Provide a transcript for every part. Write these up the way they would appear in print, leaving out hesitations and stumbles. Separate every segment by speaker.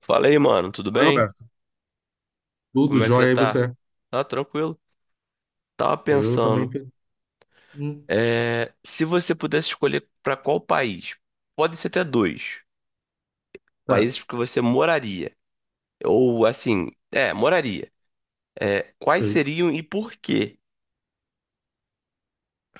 Speaker 1: Fala aí, mano, tudo
Speaker 2: Oi,
Speaker 1: bem?
Speaker 2: Roberto. Tudo
Speaker 1: Como é que você
Speaker 2: jóia, e
Speaker 1: tá?
Speaker 2: você?
Speaker 1: Tá tranquilo? Tava
Speaker 2: Eu também
Speaker 1: pensando,
Speaker 2: tenho. Hum,
Speaker 1: se você pudesse escolher pra qual país, pode ser até dois,
Speaker 2: certo,
Speaker 1: países que você moraria, ou assim, moraria, quais
Speaker 2: perfeito.
Speaker 1: seriam e por quê?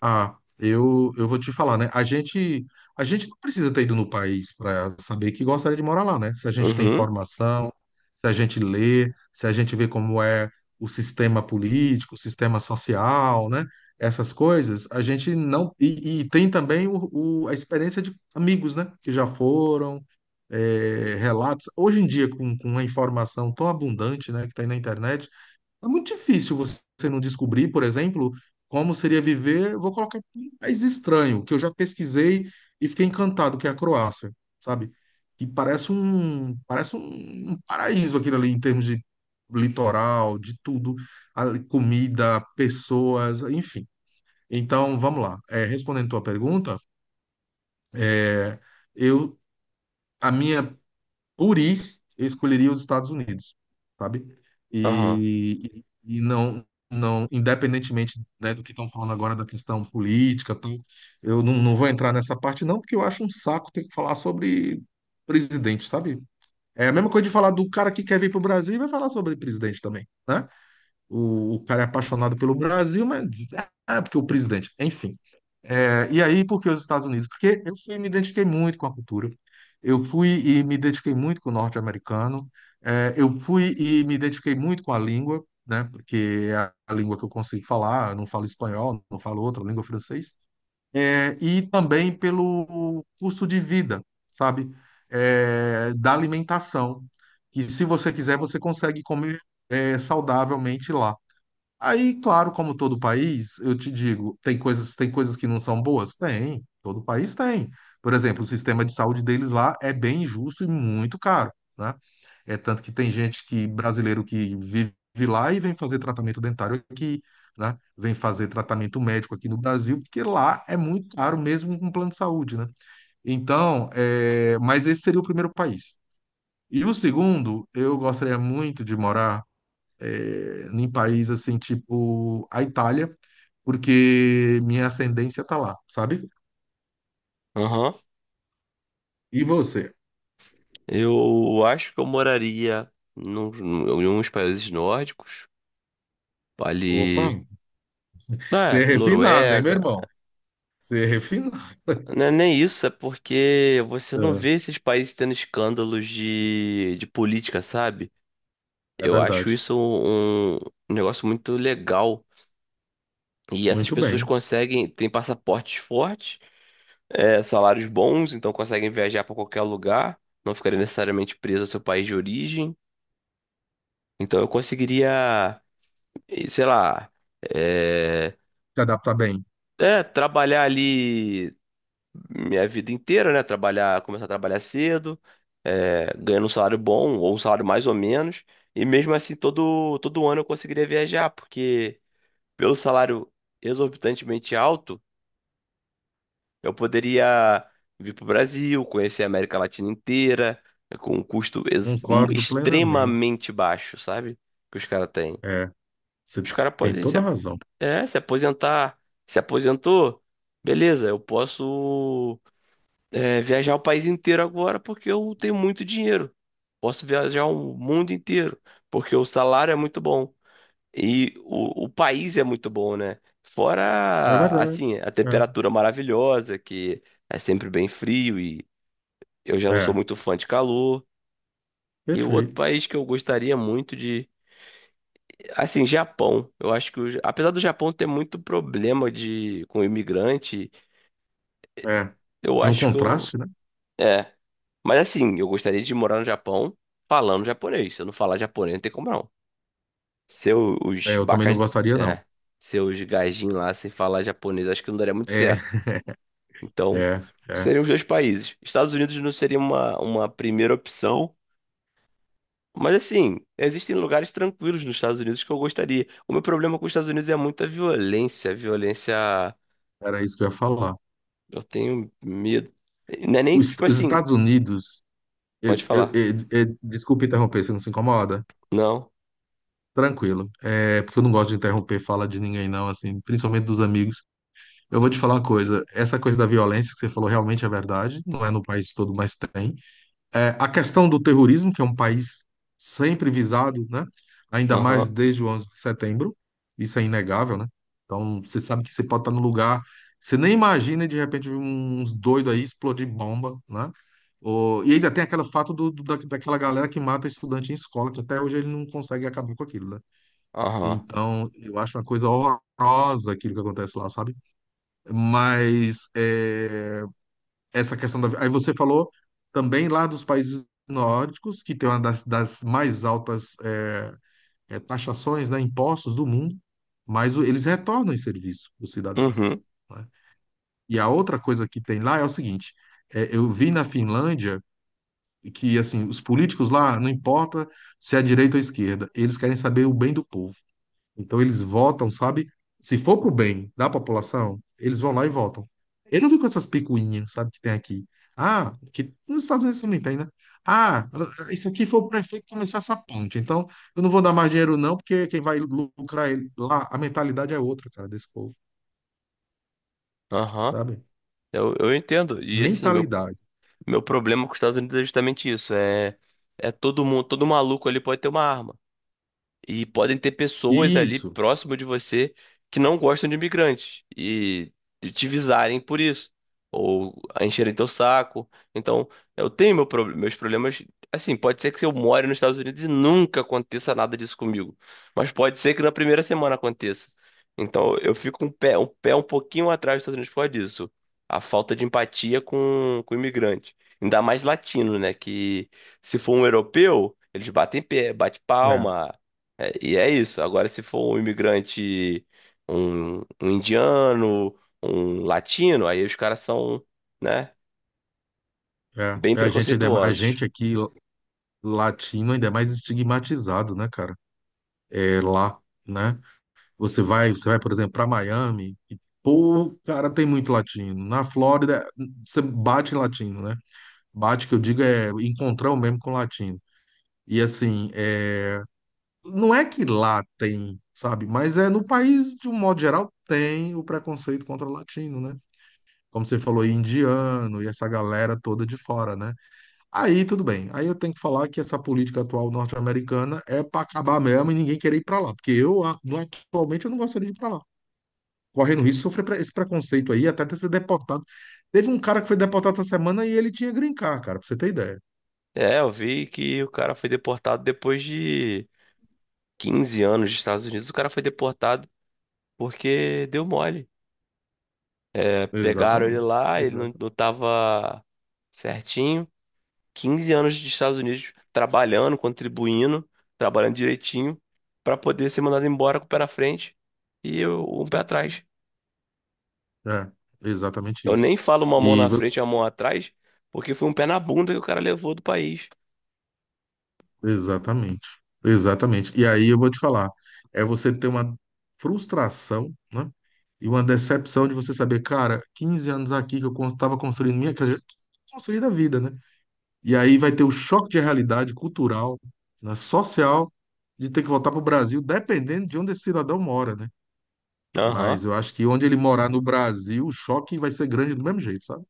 Speaker 2: Ah, eu vou te falar, né? A gente não precisa ter ido no país para saber que gostaria de morar lá, né? Se a gente tem
Speaker 1: Uhum,
Speaker 2: informação, se a gente lê, se a gente vê como é o sistema político, o sistema social, né? Essas coisas, a gente não. E tem também a experiência de amigos, né? Que já foram. Relatos. Hoje em dia, com a informação tão abundante, né, que tem na internet, é muito difícil você não descobrir, por exemplo, como seria viver. Vou colocar aqui um país estranho, que eu já pesquisei e fiquei encantado, que é a Croácia, sabe? Que parece um paraíso aquilo ali, em termos de litoral, de tudo, a comida, pessoas, enfim. Então, vamos lá. É, respondendo tua pergunta, é, eu, a minha por ir, eu escolheria os Estados Unidos, sabe?
Speaker 1: aham,
Speaker 2: E não, não, independentemente, né, do que estão falando agora da questão política, tal, eu não vou entrar nessa parte, não, porque eu acho um saco ter que falar sobre presidente, sabe? É a mesma coisa de falar do cara que quer vir para o Brasil e vai falar sobre presidente também, né? O cara é apaixonado pelo Brasil, mas ah, porque o presidente, enfim. É, e aí, por que os Estados Unidos? Porque eu fui, e me identifiquei muito com a cultura. Eu fui e me identifiquei muito com o norte-americano. É, eu fui e me identifiquei muito com a língua, né? Porque é a língua que eu consigo falar, eu não falo espanhol, não falo outra língua francês. É, e também pelo custo de vida, sabe? É, da alimentação. E se você quiser, você consegue comer, é, saudavelmente lá. Aí, claro, como todo país, eu te digo, tem coisas que não são boas? Tem, todo país tem. Por exemplo, o sistema de saúde deles lá é bem justo e muito caro, né? É tanto que tem gente que brasileiro que vive lá e vem fazer tratamento dentário aqui, né? Vem fazer tratamento médico aqui no Brasil, porque lá é muito caro mesmo com plano de saúde, né? Então, é... mas esse seria o primeiro país. E o segundo, eu gostaria muito de morar é, em país assim, tipo a Itália, porque minha ascendência tá lá, sabe?
Speaker 1: aham.
Speaker 2: E você?
Speaker 1: Eu acho que eu moraria num- em uns países nórdicos,
Speaker 2: Opa,
Speaker 1: ali,
Speaker 2: você é
Speaker 1: né,
Speaker 2: refinado, hein, meu
Speaker 1: Noruega.
Speaker 2: irmão? Você é refinado.
Speaker 1: Não é nem isso, é porque você não vê esses países tendo escândalos de política, sabe?
Speaker 2: É, é
Speaker 1: Eu acho
Speaker 2: verdade.
Speaker 1: isso um negócio muito legal. E essas
Speaker 2: Muito
Speaker 1: pessoas
Speaker 2: bem.
Speaker 1: conseguem, têm passaportes fortes, salários bons, então conseguem viajar para qualquer lugar, não ficarem necessariamente presos ao seu país de origem. Então eu conseguiria, sei lá, é,
Speaker 2: Se adapta bem.
Speaker 1: trabalhar ali minha vida inteira, né? Trabalhar, começar a trabalhar cedo, ganhando um salário bom ou um salário mais ou menos. E mesmo assim, todo ano eu conseguiria viajar, porque pelo salário exorbitantemente alto, eu poderia vir para o Brasil, conhecer a América Latina inteira, com um custo
Speaker 2: Concordo plenamente.
Speaker 1: extremamente baixo, sabe? Que os caras têm.
Speaker 2: É, você
Speaker 1: Os caras
Speaker 2: tem
Speaker 1: podem se,
Speaker 2: toda a
Speaker 1: a-
Speaker 2: razão.
Speaker 1: é, se aposentar. Se aposentou, beleza, eu posso, viajar o país inteiro agora porque eu tenho muito dinheiro. Posso viajar o mundo inteiro porque o salário é muito bom e o país é muito bom, né?
Speaker 2: É
Speaker 1: Fora,
Speaker 2: verdade.
Speaker 1: assim, a temperatura maravilhosa, que é sempre bem frio e eu já
Speaker 2: É,
Speaker 1: não sou
Speaker 2: é,
Speaker 1: muito fã de calor. E o outro
Speaker 2: perfeito.
Speaker 1: país que eu gostaria muito de, assim, Japão. Eu acho que, apesar do Japão ter muito problema de com imigrante,
Speaker 2: É.
Speaker 1: eu
Speaker 2: E um
Speaker 1: acho que eu,
Speaker 2: contraste, né?
Speaker 1: é. Mas assim, eu gostaria de morar no Japão falando japonês. Se eu não falar japonês, não tem como não. Seus
Speaker 2: É,
Speaker 1: os
Speaker 2: eu também não
Speaker 1: bacas,
Speaker 2: gostaria, não.
Speaker 1: é, seus gajinhos lá sem falar japonês, acho que não daria muito
Speaker 2: É,
Speaker 1: certo. Então,
Speaker 2: é, é.
Speaker 1: seriam os dois países. Estados Unidos não seria uma primeira opção. Mas assim, existem lugares tranquilos nos Estados Unidos que eu gostaria. O meu problema com os Estados Unidos é muita violência. Violência.
Speaker 2: Era isso que eu ia falar.
Speaker 1: Eu tenho medo. Não é nem, tipo
Speaker 2: Os
Speaker 1: assim,
Speaker 2: Estados Unidos.
Speaker 1: pode falar.
Speaker 2: Desculpa interromper, você não se incomoda?
Speaker 1: Não.
Speaker 2: Tranquilo. É, porque eu não gosto de interromper fala de ninguém, não, assim, principalmente dos amigos. Eu vou te falar uma coisa, essa coisa da violência que você falou realmente é verdade, não é no país todo, mas tem. É, a questão do terrorismo, que é um país sempre visado, né? Ainda mais
Speaker 1: Aham.
Speaker 2: desde o 11 de setembro, isso é inegável, né? Então, você sabe que você pode estar no lugar, você nem imagina e de repente vir uns doidos aí explodir bomba, né? E ainda tem aquele fato daquela galera que mata estudante em escola, que até hoje ele não consegue acabar com aquilo, né?
Speaker 1: Aham.
Speaker 2: Então, eu acho uma coisa horrorosa aquilo que acontece lá, sabe? Mas é, essa questão da. Aí você falou também lá dos países nórdicos, que tem uma das mais altas taxações, né, impostos do mundo, mas eles retornam em serviço o cidadão,
Speaker 1: Uhum.
Speaker 2: né? E a outra coisa que tem lá é o seguinte: eu vi na Finlândia que assim os políticos lá não importa se é direita ou esquerda, eles querem saber o bem do povo. Então eles votam, sabe? Se for pro bem da população, eles vão lá e votam. Eu não vi com essas picuinhas, sabe, que tem aqui. Ah, que nos Estados Unidos também tem, né? Ah, isso aqui foi o prefeito que começou essa ponte. Então, eu não vou dar mais dinheiro, não, porque quem vai lucrar ele lá, a mentalidade é outra, cara, desse povo,
Speaker 1: Aham.
Speaker 2: sabe?
Speaker 1: Eu entendo. E assim, meu,
Speaker 2: Mentalidade.
Speaker 1: meu problema com os Estados Unidos é justamente isso. É, todo mundo, todo maluco ali pode ter uma arma. E podem ter pessoas ali
Speaker 2: Isso.
Speaker 1: próximo de você que não gostam de imigrantes e te visarem por isso, ou encherem teu saco. Então, eu tenho meu meus problemas. Assim, pode ser que eu more nos Estados Unidos e nunca aconteça nada disso comigo, mas pode ser que na primeira semana aconteça. Então, eu fico um pé um pouquinho atrás dos Estados Unidos por causa disso. A falta de empatia com o imigrante. Ainda mais latino, né? Que se for um europeu, eles batem pé, bate
Speaker 2: É,
Speaker 1: palma, e é isso. Agora, se for um imigrante, um indiano, um latino, aí os caras são, né,
Speaker 2: é.
Speaker 1: bem
Speaker 2: É, A gente, ainda- a
Speaker 1: preconceituosos.
Speaker 2: gente aqui, latino, ainda é mais estigmatizado, né, cara? É lá, né? Você vai, por exemplo, para Miami, e, pô, cara, tem muito latino. Na Flórida, você bate em latino, né? Bate, que eu digo, é encontrar o mesmo com latino. E assim, é, não é que lá tem, sabe? Mas é no país, de um modo geral, tem o preconceito contra o latino, né? Como você falou, aí, indiano e essa galera toda de fora, né? Aí tudo bem. Aí eu tenho que falar que essa política atual norte-americana é para acabar mesmo e ninguém querer ir para lá, porque eu atualmente eu não gostaria de ir para lá, correndo risco de sofrer esse preconceito aí, até de ser deportado. Teve um cara que foi deportado essa semana e ele tinha green card, cara, pra você ter ideia.
Speaker 1: É, eu vi que o cara foi deportado depois de 15 anos dos Estados Unidos. O cara foi deportado porque deu mole. É, pegaram ele
Speaker 2: Exatamente.
Speaker 1: lá, ele não,
Speaker 2: Exato.
Speaker 1: não tava certinho. 15 anos dos Estados Unidos trabalhando, contribuindo, trabalhando direitinho, para poder ser mandado embora com o pé na frente e um pé atrás.
Speaker 2: É, exatamente
Speaker 1: Eu
Speaker 2: isso.
Speaker 1: nem falo uma mão
Speaker 2: E
Speaker 1: na frente e a mão atrás, porque foi um pé na bunda que o cara levou do país.
Speaker 2: exatamente. Exatamente. E aí eu vou te falar, é você ter uma frustração, né? E uma decepção de você saber, cara, 15 anos aqui que eu estava construindo minha, quer dizer, construindo a vida, né? E aí vai ter o choque de realidade cultural, né, social, de ter que voltar para o Brasil, dependendo de onde esse cidadão mora, né?
Speaker 1: Aham.
Speaker 2: Mas eu acho que onde ele morar no Brasil, o choque vai ser grande do mesmo jeito, sabe?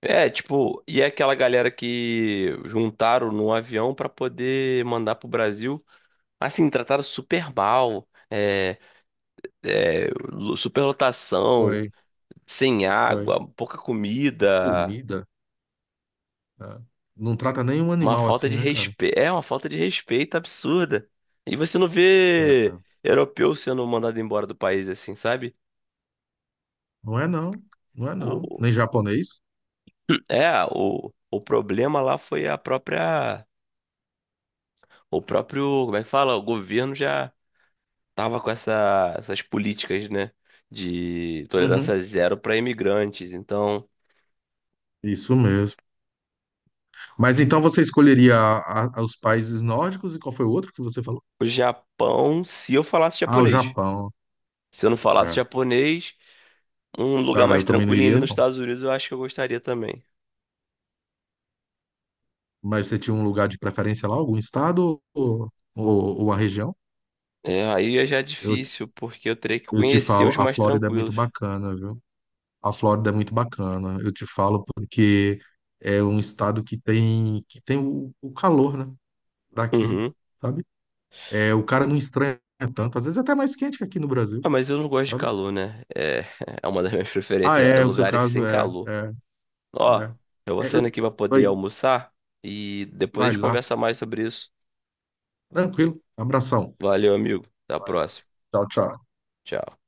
Speaker 1: É, tipo, e é aquela galera que juntaram no avião pra poder mandar pro Brasil, assim, trataram super mal, superlotação,
Speaker 2: Foi,
Speaker 1: sem
Speaker 2: foi.
Speaker 1: água, pouca
Speaker 2: Tem
Speaker 1: comida,
Speaker 2: comida, né? Não trata nenhum
Speaker 1: uma
Speaker 2: animal
Speaker 1: falta
Speaker 2: assim,
Speaker 1: de
Speaker 2: né, cara?
Speaker 1: respeito, é uma falta de respeito absurda. E você não vê
Speaker 2: É.
Speaker 1: europeu sendo mandado embora do país assim, sabe?
Speaker 2: Não é não, não é não. Nem japonês.
Speaker 1: É, o problema lá foi a própria, o próprio, como é que fala? O governo já tava com essas políticas, né, de
Speaker 2: Uhum.
Speaker 1: tolerância zero para imigrantes. Então,
Speaker 2: Isso mesmo. Mas então você escolheria os países nórdicos e qual foi o outro que você falou?
Speaker 1: o Japão, se eu falasse
Speaker 2: Ah, o
Speaker 1: japonês,
Speaker 2: Japão.
Speaker 1: se eu não falasse
Speaker 2: É.
Speaker 1: japonês, um lugar
Speaker 2: Cara,
Speaker 1: mais
Speaker 2: eu também não
Speaker 1: tranquilinho
Speaker 2: iria,
Speaker 1: ali nos
Speaker 2: não.
Speaker 1: Estados Unidos, eu acho que eu gostaria também.
Speaker 2: Mas você tinha um lugar de preferência lá, algum estado ou, ou a região?
Speaker 1: É, aí é já
Speaker 2: Eu,
Speaker 1: difícil, porque eu teria que
Speaker 2: eu te
Speaker 1: conhecer
Speaker 2: falo,
Speaker 1: os
Speaker 2: a
Speaker 1: mais
Speaker 2: Flórida é muito
Speaker 1: tranquilos.
Speaker 2: bacana, viu? A Flórida é muito bacana. Eu te falo porque é um estado que tem o calor, né? Daqui,
Speaker 1: Uhum.
Speaker 2: sabe? É, o cara não estranha tanto. Às vezes é até mais quente que aqui no Brasil,
Speaker 1: Ah, mas eu não gosto de
Speaker 2: sabe?
Speaker 1: calor, né? É, é uma das minhas
Speaker 2: Ah,
Speaker 1: preferências, é
Speaker 2: é, o seu
Speaker 1: lugares
Speaker 2: caso
Speaker 1: sem
Speaker 2: é, é,
Speaker 1: calor. Ó, eu vou
Speaker 2: é. É,
Speaker 1: saindo aqui pra poder
Speaker 2: Oi,
Speaker 1: almoçar e depois a
Speaker 2: vai
Speaker 1: gente
Speaker 2: lá.
Speaker 1: conversa mais sobre isso.
Speaker 2: Tranquilo. Abração.
Speaker 1: Valeu, amigo. Até a
Speaker 2: Valeu.
Speaker 1: próxima.
Speaker 2: Tchau, tchau.
Speaker 1: Tchau.